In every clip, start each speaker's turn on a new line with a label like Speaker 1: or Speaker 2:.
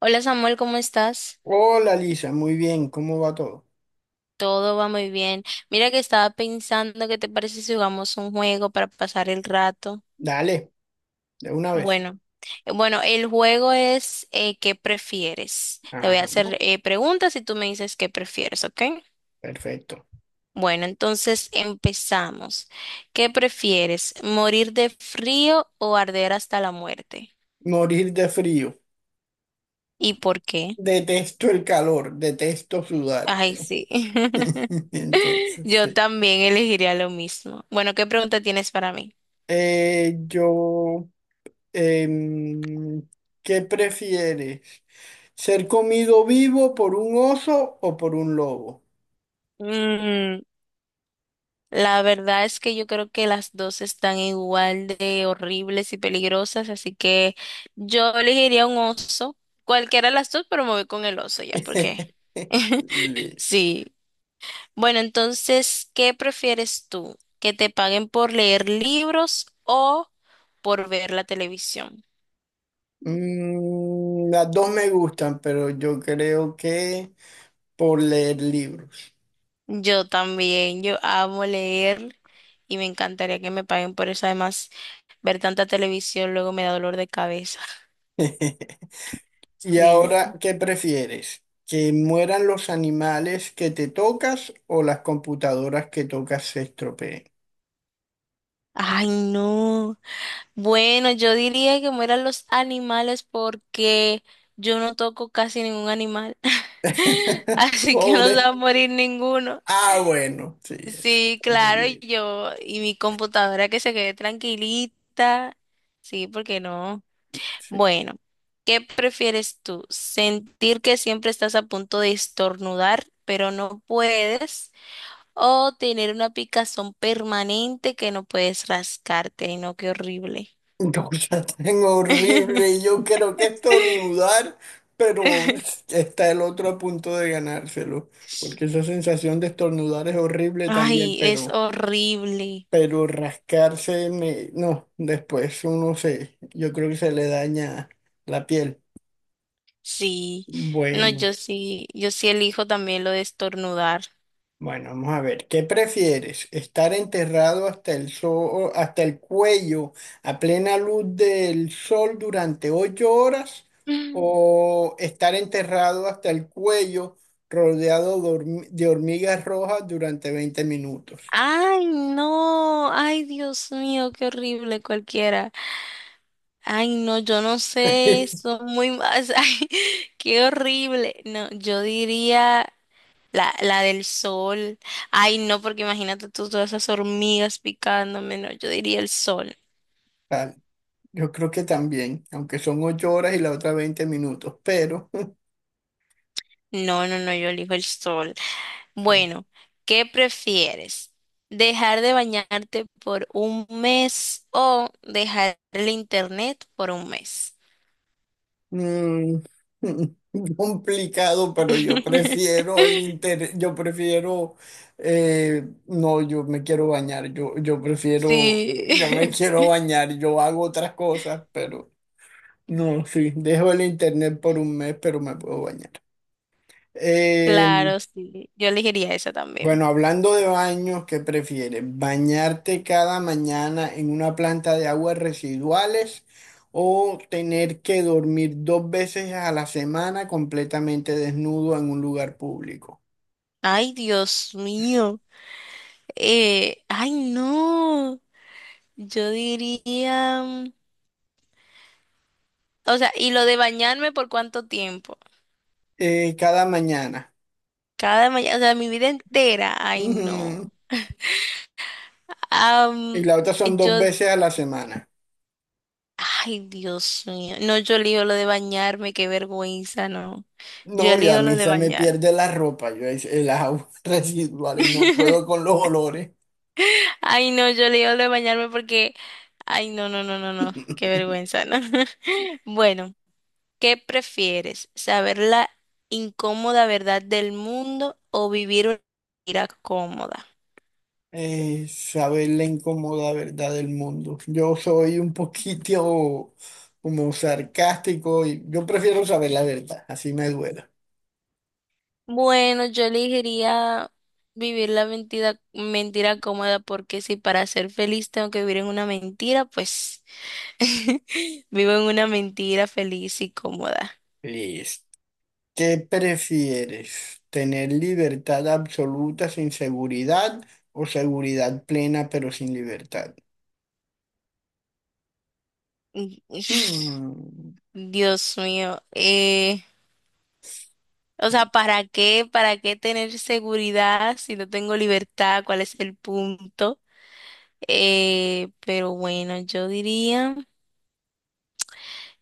Speaker 1: Hola Samuel, ¿cómo estás?
Speaker 2: Hola Lisa, muy bien, ¿cómo va todo?
Speaker 1: Todo va muy bien. Mira que estaba pensando, ¿qué te parece si jugamos un juego para pasar el rato?
Speaker 2: Dale, de una vez.
Speaker 1: Bueno, bueno, el juego es ¿qué prefieres? Te
Speaker 2: Ah,
Speaker 1: voy a hacer preguntas y tú me dices qué prefieres, ¿ok?
Speaker 2: perfecto.
Speaker 1: Bueno, entonces empezamos. ¿Qué prefieres? ¿Morir de frío o arder hasta la muerte?
Speaker 2: Morir de frío.
Speaker 1: ¿Y por qué?
Speaker 2: Detesto el calor, detesto sudar.
Speaker 1: Ay, sí.
Speaker 2: Entonces,
Speaker 1: Yo
Speaker 2: sí.
Speaker 1: también elegiría lo mismo. Bueno, ¿qué pregunta tienes para mí?
Speaker 2: Eh, yo, em, ¿Qué prefieres? ¿Ser comido vivo por un oso o por un lobo?
Speaker 1: Mm, la verdad es que yo creo que las dos están igual de horribles y peligrosas, así que yo elegiría un oso, cualquiera de las dos, pero me voy con el oso ya, porque
Speaker 2: Le-
Speaker 1: sí. Bueno, entonces, ¿qué prefieres tú? ¿Que te paguen por leer libros o por ver la televisión?
Speaker 2: Las dos me gustan, pero yo creo que por leer libros.
Speaker 1: Yo también, yo amo leer y me encantaría que me paguen por eso. Además, ver tanta televisión luego me da dolor de cabeza.
Speaker 2: Y
Speaker 1: Sí.
Speaker 2: ahora, ¿qué prefieres? ¿Que mueran los animales que te tocas o las computadoras que tocas se estropeen?
Speaker 1: Ay, no. Bueno, yo diría que mueran los animales porque yo no toco casi ningún animal. Así que no se
Speaker 2: Pobre.
Speaker 1: va a morir ninguno.
Speaker 2: Ah, bueno, sí, eso
Speaker 1: Sí,
Speaker 2: está muy
Speaker 1: claro, y
Speaker 2: bien.
Speaker 1: yo y mi computadora que se quede tranquilita. Sí, ¿porque no?
Speaker 2: Sí.
Speaker 1: Bueno, ¿qué prefieres tú? ¿Sentir que siempre estás a punto de estornudar, pero no puedes? ¿O tener una picazón permanente que no puedes rascarte? No, qué horrible.
Speaker 2: Cosa tan horrible, y yo creo que estornudar, pero está el otro a punto de ganárselo. Porque esa sensación de estornudar es horrible también,
Speaker 1: Ay, es
Speaker 2: pero,
Speaker 1: horrible.
Speaker 2: pero rascarse, no, después uno se, yo creo que se le daña la piel.
Speaker 1: Sí. No,
Speaker 2: Bueno,
Speaker 1: yo sí, yo sí elijo también lo de estornudar.
Speaker 2: bueno, vamos a ver. ¿Qué prefieres? ¿Estar enterrado hasta el sol, hasta el cuello a plena luz del sol durante 8 horas?
Speaker 1: Mm.
Speaker 2: ¿O estar enterrado hasta el cuello rodeado de de hormigas rojas durante 20 minutos?
Speaker 1: Ay, no. Ay, Dios mío, qué horrible cualquiera. Ay, no, yo no sé, son muy más. Ay, qué horrible. No, yo diría la del sol. Ay, no, porque imagínate tú todas esas hormigas picándome. No, yo diría el sol.
Speaker 2: Tal. Yo creo que también, aunque son 8 horas y la otra 20 minutos, pero
Speaker 1: No, no, no, yo elijo el sol. Bueno, ¿qué prefieres? ¿Dejar de bañarte por un mes o dejar el internet por un mes?
Speaker 2: Mm, complicado, pero yo prefiero el interés, yo prefiero, no, yo me quiero bañar, yo prefiero,
Speaker 1: Sí,
Speaker 2: yo me quiero bañar, yo hago otras cosas, pero no, sí, dejo el internet por un mes, pero me puedo bañar. Em,
Speaker 1: claro, sí. Yo elegiría esa también.
Speaker 2: bueno, hablando de baños, ¿qué prefieres? ¿Bañarte cada mañana en una planta de aguas residuales o tener que dormir dos veces a la semana completamente desnudo en un lugar público?
Speaker 1: Ay, Dios mío. Ay, no. Yo diría, o sea, y lo de bañarme por cuánto tiempo.
Speaker 2: Cada mañana.
Speaker 1: Cada mañana, o sea, mi vida entera. Ay, no.
Speaker 2: Ujú. Y
Speaker 1: Am,
Speaker 2: la otra son dos
Speaker 1: yo
Speaker 2: veces a la semana.
Speaker 1: Ay, Dios mío. No, yo elijo lo de bañarme, qué vergüenza, no. Yo
Speaker 2: No, y a
Speaker 1: elijo
Speaker 2: mí
Speaker 1: lo de
Speaker 2: se me
Speaker 1: bañarme.
Speaker 2: pierde la ropa, yo es- el agua residuales, no puedo con los olores.
Speaker 1: Ay, no, yo elijo lo de bañarme porque, ay, no, no, no, no, no, qué vergüenza, ¿no? Bueno, ¿qué prefieres? ¿Saber la incómoda verdad del mundo o vivir una mentira cómoda?
Speaker 2: Saber la incómoda verdad del mundo. Yo soy un poquito como sarcástico y yo prefiero saber la verdad, así me duela.
Speaker 1: Bueno, yo elegiría vivir la mentira, mentira cómoda porque si para ser feliz tengo que vivir en una mentira, pues... Vivo en una mentira feliz y cómoda.
Speaker 2: Listo. ¿Qué prefieres? ¿Tener libertad absoluta sin seguridad o seguridad plena pero sin libertad?
Speaker 1: Mm,
Speaker 2: Hmm,
Speaker 1: Dios mío. O sea, ¿para qué? ¿Para qué tener seguridad si no tengo libertad? ¿Cuál es el punto? Pero bueno,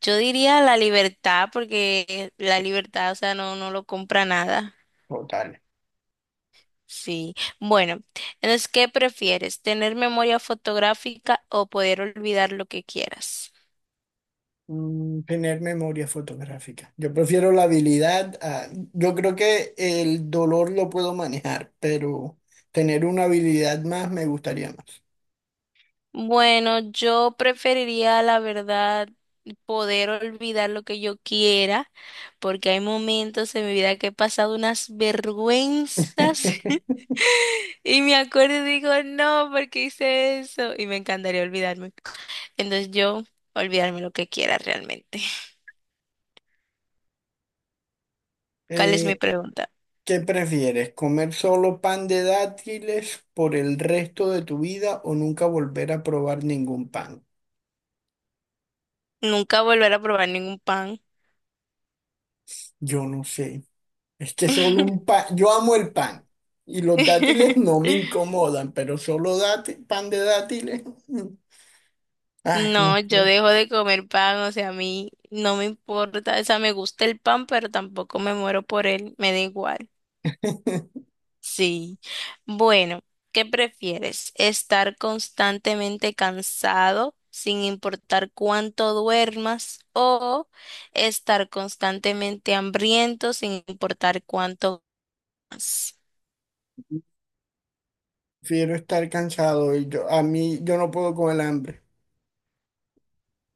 Speaker 1: yo diría la libertad, porque la libertad, o sea, no, no lo compra nada.
Speaker 2: Total.
Speaker 1: Sí. Bueno, entonces, ¿qué prefieres? ¿Tener memoria fotográfica o poder olvidar lo que quieras?
Speaker 2: Tener memoria fotográfica. Yo prefiero la habilidad. Yo creo que el dolor lo puedo manejar, pero tener una habilidad más me gustaría más.
Speaker 1: Bueno, yo preferiría, la verdad, poder olvidar lo que yo quiera, porque hay momentos en mi vida que he pasado unas vergüenzas y me acuerdo y digo, no, ¿porque hice eso? Y me encantaría olvidarme. Entonces yo, olvidarme lo que quiera realmente. ¿Cuál es mi
Speaker 2: Eh,
Speaker 1: pregunta?
Speaker 2: ¿Qué prefieres? ¿Comer solo pan de dátiles por el resto de tu vida o nunca volver a probar ningún pan?
Speaker 1: Nunca volver a probar ningún pan.
Speaker 2: Yo no sé. Es que solo un pan. Yo amo el pan y los dátiles no me incomodan, pero solo pan de dátiles. mm, Ay, no
Speaker 1: No, yo
Speaker 2: sé.
Speaker 1: dejo de comer pan, o sea, a mí no me importa, o sea, me gusta el pan, pero tampoco me muero por él, me da igual. Sí. Bueno, ¿qué prefieres? ¿Estar constantemente cansado sin importar cuánto duermas o estar constantemente hambriento sin importar cuánto comas?
Speaker 2: Prefiero estar cansado y a mí, yo no puedo con el hambre.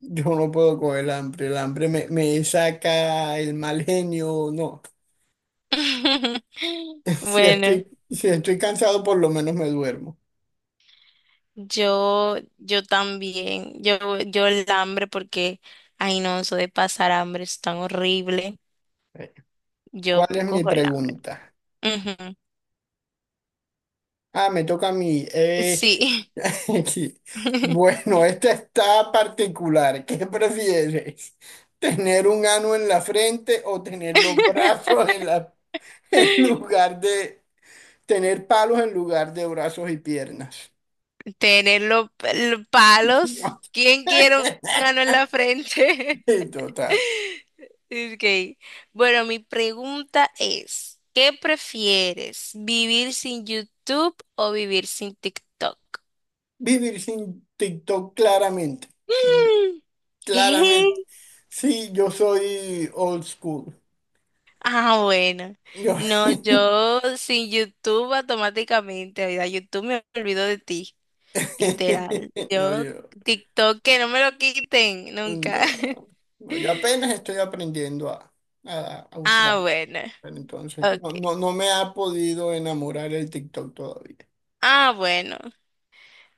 Speaker 2: Yo no puedo con el hambre. El hambre me saca el mal genio. No. Si
Speaker 1: Bueno.
Speaker 2: estoy, si estoy cansado, por lo menos me duermo.
Speaker 1: Yo también, yo el hambre porque, ay no, eso de pasar hambre es tan horrible.
Speaker 2: Eh,
Speaker 1: Yo
Speaker 2: ¿Cuál es mi
Speaker 1: cojo el hambre.
Speaker 2: pregunta?
Speaker 1: Ujú,
Speaker 2: Ah, me toca a mí.
Speaker 1: sí.
Speaker 2: Sí. Bueno, esta está particular. ¿Qué prefieres? ¿Tener un ano en la frente o tener los brazos en la, en lugar de tener palos en lugar de brazos y piernas?
Speaker 1: Tener los palos. ¿Quién quiere un ano en la frente?
Speaker 2: Total.
Speaker 1: Okay. Bueno, mi pregunta es, ¿qué prefieres? ¿Vivir sin YouTube o vivir sin TikTok?
Speaker 2: Vivir sin TikTok claramente. Mm,
Speaker 1: Mm,
Speaker 2: Claramente.
Speaker 1: ¿qué?
Speaker 2: Sí, yo soy old school.
Speaker 1: Ah, bueno.
Speaker 2: Yo,
Speaker 1: No, yo sin YouTube automáticamente, oiga, YouTube me olvido de ti, literal.
Speaker 2: no,
Speaker 1: Yo
Speaker 2: yo,
Speaker 1: TikTok que no me lo quiten nunca.
Speaker 2: no, no, yo apenas estoy aprendiendo a, a usar.
Speaker 1: Ah, bueno.
Speaker 2: Pero entonces,
Speaker 1: Ok.
Speaker 2: no, no, no me ha podido enamorar el TikTok todavía.
Speaker 1: Ah, bueno.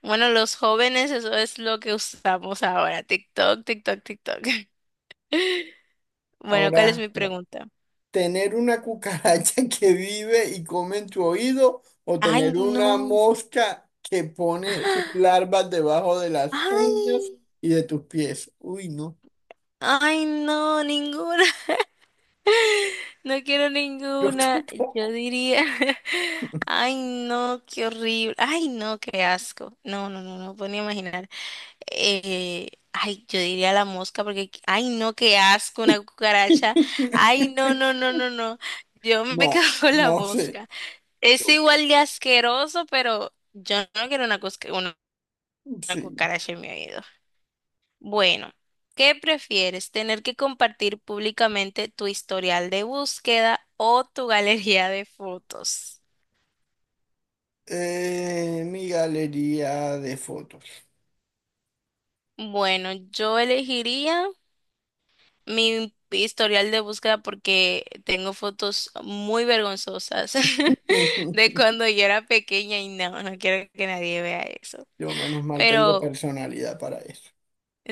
Speaker 1: Bueno, los jóvenes, eso es lo que usamos ahora. TikTok, TikTok, TikTok. Bueno, ¿cuál es
Speaker 2: Ahora,
Speaker 1: mi pregunta?
Speaker 2: ¿tener una cucaracha que vive y come en tu oído o
Speaker 1: Ay,
Speaker 2: tener una
Speaker 1: no.
Speaker 2: mosca que pone sus larvas debajo de las uñas
Speaker 1: Ay,
Speaker 2: y de tus pies? Uy, no,
Speaker 1: ay, no, ninguna. No quiero
Speaker 2: yo
Speaker 1: ninguna. Yo
Speaker 2: tampoco.
Speaker 1: diría, ay, no, qué horrible. Ay, no, qué asco. No, no, no, no puedo ni imaginar. Ay, yo diría la mosca porque, ay, no, qué asco, una cucaracha. Ay, no, no, no, no, no. Yo me quedo
Speaker 2: No,
Speaker 1: con la
Speaker 2: no sé.
Speaker 1: mosca. Es
Speaker 2: Yo creo-
Speaker 1: igual de asqueroso, pero yo no quiero una, una
Speaker 2: sí.
Speaker 1: cucaracha en mi oído. Bueno, ¿qué prefieres? ¿Tener que compartir públicamente tu historial de búsqueda o tu galería de fotos?
Speaker 2: Mi galería de fotos.
Speaker 1: Bueno, yo elegiría mi historial de búsqueda porque tengo fotos muy vergonzosas de cuando yo era pequeña y no, no quiero que nadie vea eso.
Speaker 2: Yo menos mal tengo
Speaker 1: Pero
Speaker 2: personalidad para eso.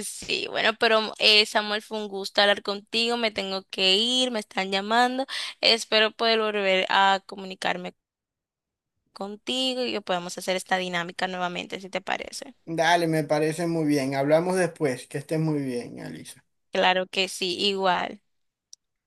Speaker 1: sí, bueno, pero Samuel, fue un gusto hablar contigo, me tengo que ir, me están llamando, espero poder volver a comunicarme contigo y podemos hacer esta dinámica nuevamente, si te parece.
Speaker 2: Dale, me parece muy bien. Hablamos después. Que estés muy bien, Alisa.
Speaker 1: Claro que sí, igual.